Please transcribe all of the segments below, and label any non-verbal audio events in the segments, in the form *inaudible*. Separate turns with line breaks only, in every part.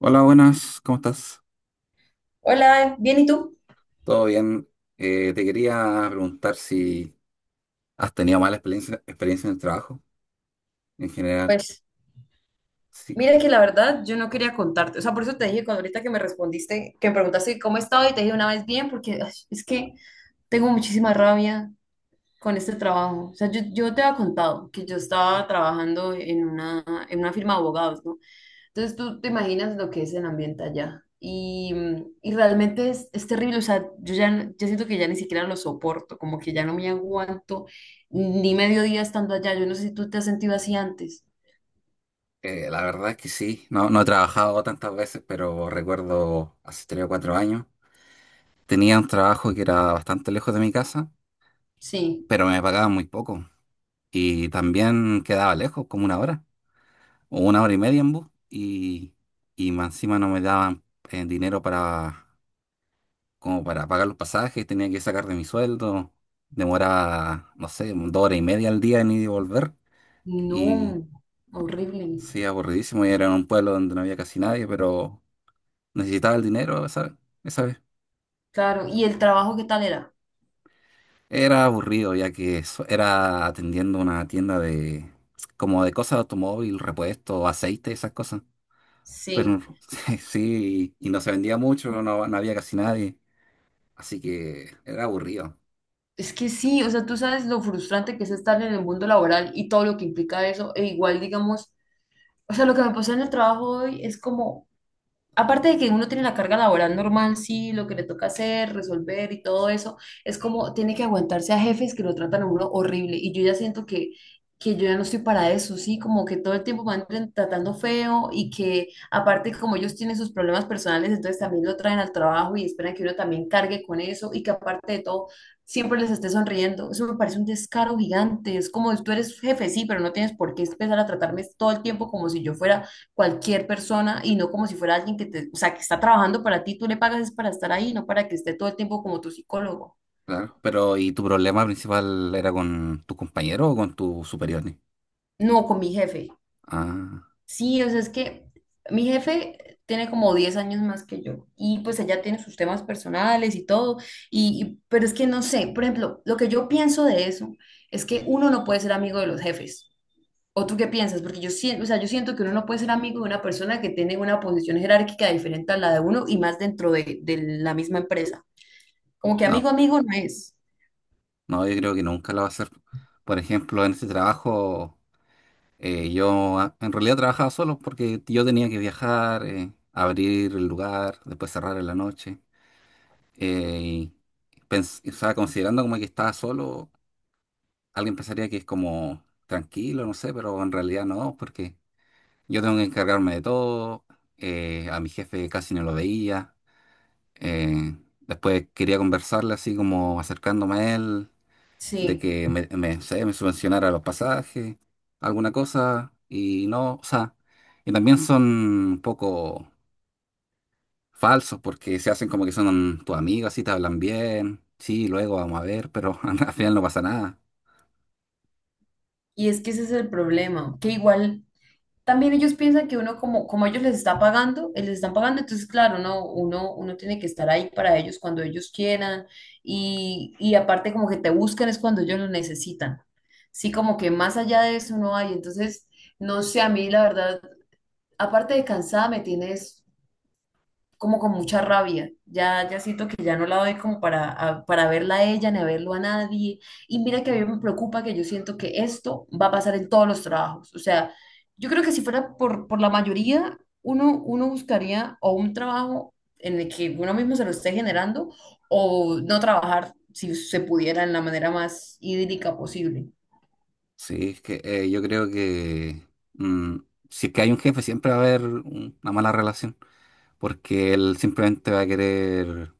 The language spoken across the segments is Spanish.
Hola, buenas, ¿cómo estás?
Hola, bien, ¿y tú?
¿Todo bien? Te quería preguntar si has tenido mala experiencia en el trabajo en general.
Pues
Sí,
mira que la verdad yo no quería contarte, o sea, por eso te dije cuando ahorita que me respondiste, que me preguntaste cómo estaba y te dije una vez bien, porque ay, es que tengo muchísima rabia con este trabajo. O sea, yo te había contado que yo estaba trabajando en una firma de abogados, ¿no? Entonces tú te imaginas lo que es el ambiente allá. Y realmente es terrible, o sea, yo ya, yo siento que ya ni siquiera lo soporto, como que ya no me aguanto ni medio día estando allá. Yo no sé si tú te has sentido así antes.
la verdad es que sí. No, no he trabajado tantas veces, pero recuerdo hace tres o cuatro años. Tenía un trabajo que era bastante lejos de mi casa,
Sí,
pero me pagaban muy poco. Y también quedaba lejos, como una hora o una hora y media en bus. Y más encima no me daban dinero para como para pagar los pasajes, tenía que sacar de mi sueldo. Demoraba, no sé, dos horas y media al día en ir y volver. Y
no, horrible.
sí, aburridísimo. Y era en un pueblo donde no había casi nadie, pero necesitaba el dinero, ¿sabes? Esa vez.
Claro, ¿y el trabajo qué tal era?
Era aburrido, ya que era atendiendo una tienda de, como de cosas de automóvil, repuestos, aceite, esas cosas. Pero
Sí,
*laughs* sí, y no se vendía mucho, no, no había casi nadie. Así que era aburrido.
es que sí, o sea, tú sabes lo frustrante que es estar en el mundo laboral y todo lo que implica eso, e igual, digamos, o sea, lo que me pasó en el trabajo hoy es como aparte de que uno tiene la carga laboral normal, sí, lo que le toca hacer, resolver y todo eso, es como tiene que aguantarse a jefes que lo tratan a uno horrible. Y yo ya siento que yo ya no estoy para eso, sí, como que todo el tiempo me andan tratando feo y que aparte como ellos tienen sus problemas personales, entonces también lo traen al trabajo y esperan que uno también cargue con eso y que aparte de todo siempre les esté sonriendo. Eso me parece un descaro gigante. Es como tú eres jefe, sí, pero no tienes por qué empezar a tratarme todo el tiempo como si yo fuera cualquier persona y no como si fuera alguien que te, o sea, que está trabajando para ti, tú le pagas es para estar ahí, no para que esté todo el tiempo como tu psicólogo.
Claro. Pero, ¿y tu problema principal era con tus compañeros o con tus superiores?
No, con mi jefe.
Ah,
Sí, o sea, es que mi jefe tiene como 10 años más que yo y pues ella tiene sus temas personales y todo, pero es que no sé, por ejemplo, lo que yo pienso de eso es que uno no puede ser amigo de los jefes. ¿O tú qué piensas? Porque yo siento, o sea, yo siento que uno no puede ser amigo de una persona que tiene una posición jerárquica diferente a la de uno y más dentro de la misma empresa. Como que amigo,
no,
amigo no es.
no, yo creo que nunca lo va a hacer. Por ejemplo, en este trabajo, en realidad trabajaba solo porque yo tenía que viajar, abrir el lugar, después cerrar en la noche. Eh, o sea, considerando como que estaba solo, alguien pensaría que es como tranquilo, no sé, pero en realidad no, porque yo tengo que encargarme de todo, a mi jefe casi no lo veía. Eh, Después quería conversarle así como acercándome a él, de
Sí.
que me subvencionara los pasajes, alguna cosa, y no, o sea, y también son un poco falsos porque se hacen como que son tus amigos, así te hablan bien, sí, luego vamos a ver, pero *laughs* al final no pasa nada.
Y es que ese es el problema. Que igual también ellos piensan que uno, como ellos les está pagando, les están pagando, entonces, claro, no, uno tiene que estar ahí para ellos cuando ellos quieran. Y aparte, como que te buscan es cuando ellos lo necesitan. Sí, como que más allá de eso no hay. Entonces, no sé, a mí la verdad, aparte de cansada, me tienes como con mucha rabia. Ya siento que ya no la doy como para verla a ella ni a verlo a nadie. Y mira que a mí me preocupa que yo siento que esto va a pasar en todos los trabajos. O sea, yo creo que si fuera por la mayoría, uno buscaría o un trabajo en el que uno mismo se lo esté generando o no trabajar si se pudiera en la manera más idílica posible.
Sí, es que yo creo que mm, si es que hay un jefe siempre va a haber una mala relación, porque él simplemente va a querer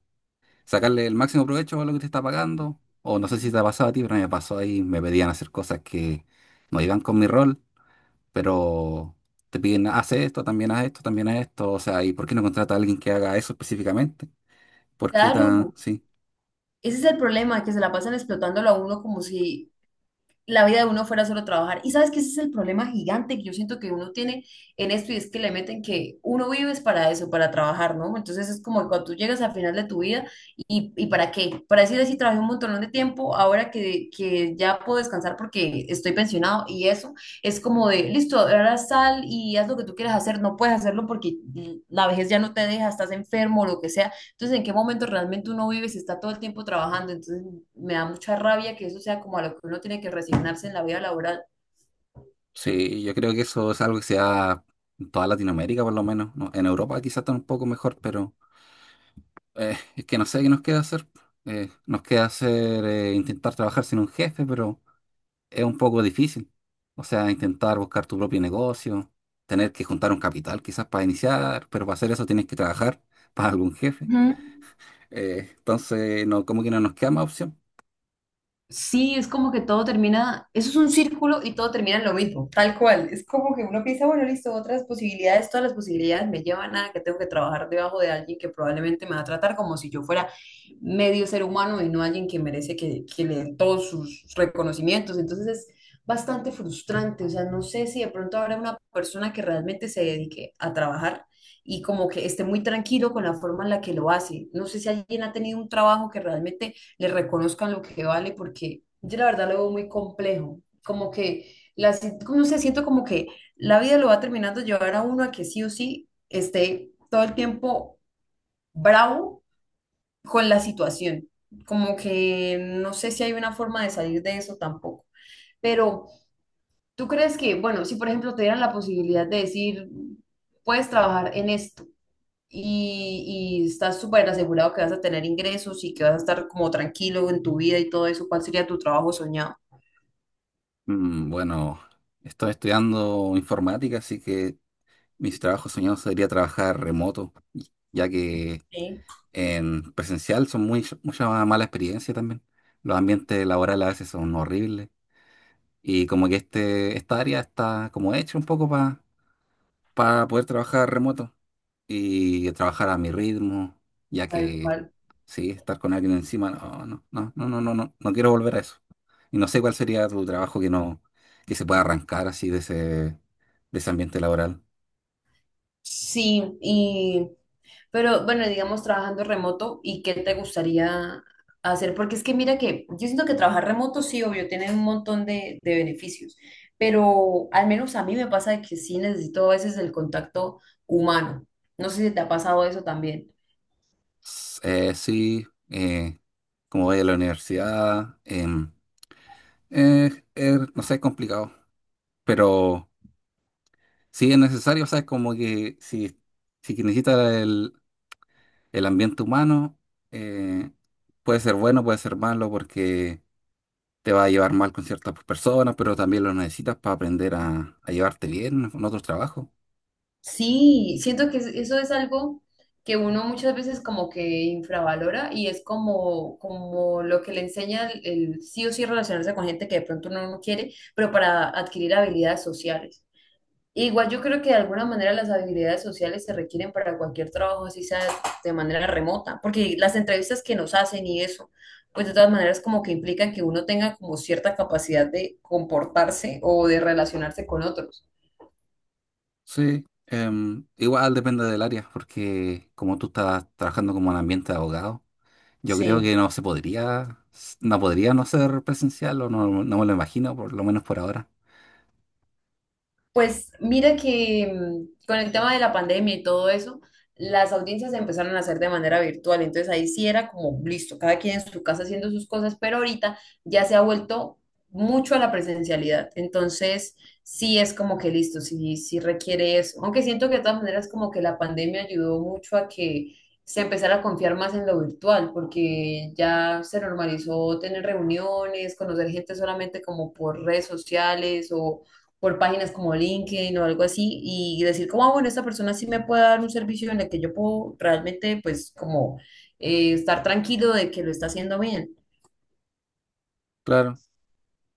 sacarle el máximo provecho a lo que te está pagando. O no sé si te ha pasado a ti, pero a mí me pasó ahí, me pedían hacer cosas que no iban con mi rol, pero te piden, haz esto, también haz esto, también haz esto. O sea, ¿y por qué no contrata a alguien que haga eso específicamente? ¿Por qué tan...?
Claro,
Sí,
ese es el problema, que se la pasan explotándolo a uno como si la vida de uno fuera solo trabajar. Y sabes que ese es el problema gigante que yo siento que uno tiene en esto y es que le meten que uno vives para eso, para trabajar, ¿no? Entonces es como que cuando tú llegas al final de tu vida y ¿para qué? Para decir así, trabajé un montón de tiempo, ahora que ya puedo descansar porque estoy pensionado y eso es como de, listo, ahora sal y haz lo que tú quieras hacer, no puedes hacerlo porque la vejez ya no te deja, estás enfermo o lo que sea, entonces, ¿en qué momento realmente uno vive si está todo el tiempo trabajando? Entonces, me da mucha rabia que eso sea como a lo que uno tiene que resignarse en la vida laboral.
sí, yo creo que eso es algo que se da en toda Latinoamérica, por lo menos, ¿no? En Europa quizás está un poco mejor, pero es que no sé qué nos queda hacer. Nos queda hacer, intentar trabajar sin un jefe, pero... es un poco difícil. O sea, intentar buscar tu propio negocio, tener que juntar un capital quizás para iniciar, pero para hacer eso tienes que trabajar *laughs* para algún jefe.
Ujú.
Entonces, no, como que no nos queda más opción.
Sí, es como que todo termina, eso es un círculo y todo termina en lo mismo, tal cual. Es como que uno piensa, bueno, listo, otras posibilidades, todas las posibilidades me llevan a que tengo que trabajar debajo de alguien que probablemente me va a tratar como si yo fuera medio ser humano y no alguien que merece que le den todos sus reconocimientos. Entonces es bastante frustrante, o sea, no sé si de pronto habrá una persona que realmente se dedique a trabajar y como que esté muy tranquilo con la forma en la que lo hace. No sé si alguien ha tenido un trabajo que realmente le reconozcan lo que vale, porque yo la verdad lo veo muy complejo, como que, la, si- como no sé, siento como que la vida lo va terminando llevar a uno a que sí o sí esté todo el tiempo bravo con la situación, como que no sé si hay una forma de salir de eso tampoco, pero ¿tú crees que, bueno, si por ejemplo te dieran la posibilidad de decir, puedes trabajar en esto? Y estás súper asegurado que vas a tener ingresos y que vas a estar como tranquilo en tu vida y todo eso, ¿cuál sería tu trabajo soñado?
Mm, bueno, estoy estudiando informática, así que mis trabajos soñados sería trabajar remoto, ya que
Sí.
en presencial son mucha mala experiencia también. Los ambientes laborales a veces son horribles. Y como que esta área está como hecha un poco para poder trabajar remoto y trabajar a mi ritmo, ya
Tal
que
cual.
sí, estar con alguien encima, no, no, no, no, no, no, no, no quiero volver a eso. Y no sé cuál sería tu trabajo que no, que se pueda arrancar así de ese ambiente laboral.
Sí, pero bueno, digamos trabajando remoto, ¿y qué te gustaría hacer? Porque es que mira que yo siento que trabajar remoto sí, obvio, tiene un montón de beneficios, pero al menos a mí me pasa de que sí necesito a veces el contacto humano. No sé si te ha pasado eso también.
Sí, como voy a la universidad, no sé, es complicado, pero sí es necesario, ¿sabes? Como que si que necesitas el ambiente humano eh, puede ser bueno, puede ser malo, porque te va a llevar mal con ciertas personas, pero también lo necesitas para aprender a llevarte bien con otros trabajos.
Sí, siento que eso es algo que uno muchas veces como que infravalora y es como lo que le enseña el sí o sí relacionarse con gente que de pronto uno no quiere, pero para adquirir habilidades sociales. Igual yo creo que de alguna manera las habilidades sociales se requieren para cualquier trabajo, así sea de manera remota, porque las entrevistas que nos hacen y eso, pues de todas maneras como que implican que uno tenga como cierta capacidad de comportarse o de relacionarse con otros.
Sí, em, igual depende del área, porque como tú estás trabajando como en ambiente de abogado, yo creo que
Sí.
no se no podría no ser presencial, o no, no me lo imagino, por lo menos por ahora.
Pues mira que con el tema de la pandemia y todo eso, las audiencias se empezaron a hacer de manera virtual, entonces ahí sí era como listo, cada quien en su casa haciendo sus cosas, pero ahorita ya se ha vuelto mucho a la presencialidad, entonces sí es como que listo, sí, sí requiere eso, aunque siento que de todas maneras como que la pandemia ayudó mucho a que se empezara a confiar más en lo virtual, porque ya se normalizó tener reuniones, conocer gente solamente como por redes sociales o por páginas como LinkedIn o algo así y decir como, ah, bueno, esta persona sí me puede dar un servicio en el que yo puedo realmente pues como estar tranquilo de que lo está haciendo bien.
Claro,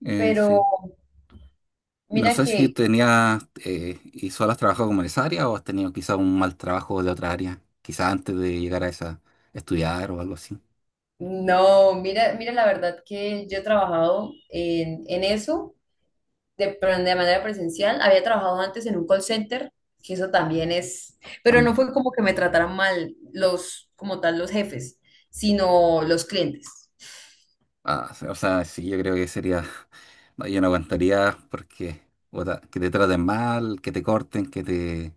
Pero
sí. Y no
mira
sé si
que,
tenías y solo has trabajado como en esa área o has tenido quizá un mal trabajo de otra área, quizá antes de llegar a esa, estudiar o algo así,
no, mira la verdad que yo he trabajado en eso de, pero de manera presencial. Había trabajado antes en un call center, que eso también es, pero no
también.
fue como que me trataran mal los, como tal, los jefes, sino los clientes.
Ah, o sea, sí, yo creo que sería, *laughs* no, yo no aguantaría porque puta, que te traten mal, que te corten, que te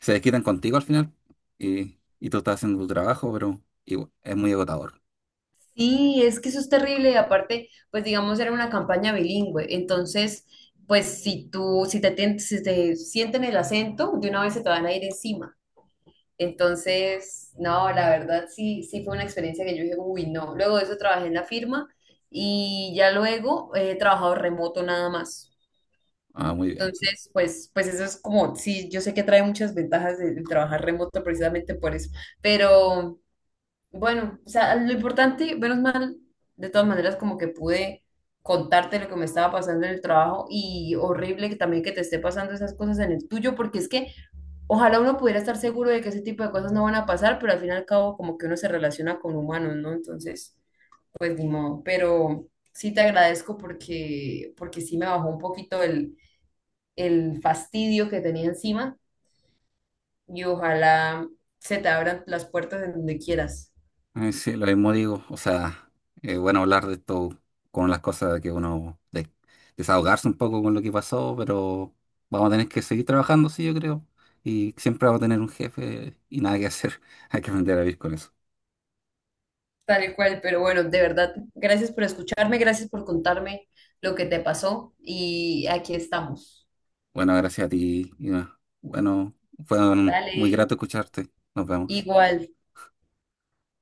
se desquitan contigo al final y tú estás haciendo tu trabajo, pero igual, es muy agotador.
Sí, es que eso es terrible y aparte, pues digamos, era una campaña bilingüe, entonces, pues si tú, si te, tien- si te sienten el acento, de una vez se te van a ir encima. Entonces, no, la verdad sí, sí fue una experiencia que yo dije, uy, no. Luego de eso trabajé en la firma y ya luego he trabajado remoto nada más.
Ah, muy bien.
Entonces, pues eso es como, sí, yo sé que trae muchas ventajas de trabajar remoto precisamente por eso, pero. Bueno, o sea, lo importante, menos mal, de todas maneras, como que pude contarte lo que me estaba pasando en el trabajo y horrible que también que te esté pasando esas cosas en el tuyo, porque es que ojalá uno pudiera estar seguro de que ese tipo de cosas no van a pasar, pero al fin y al cabo como que uno se relaciona con humanos, ¿no? Entonces, pues ni modo, pero sí te agradezco porque sí me bajó un poquito el fastidio que tenía encima y ojalá se te abran las puertas en donde quieras.
Sí, lo mismo digo. O sea, es bueno hablar de esto con las cosas que desahogarse un poco con lo que pasó, pero vamos a tener que seguir trabajando, sí, yo creo. Y siempre vamos a tener un jefe y nada que hacer. *laughs* Hay que aprender a vivir con eso.
Tal y cual, pero bueno, de verdad, gracias por escucharme, gracias por contarme lo que te pasó y aquí estamos.
Bueno, gracias a ti, Iván. Bueno, muy grato
Dale,
escucharte. Nos vemos.
igual.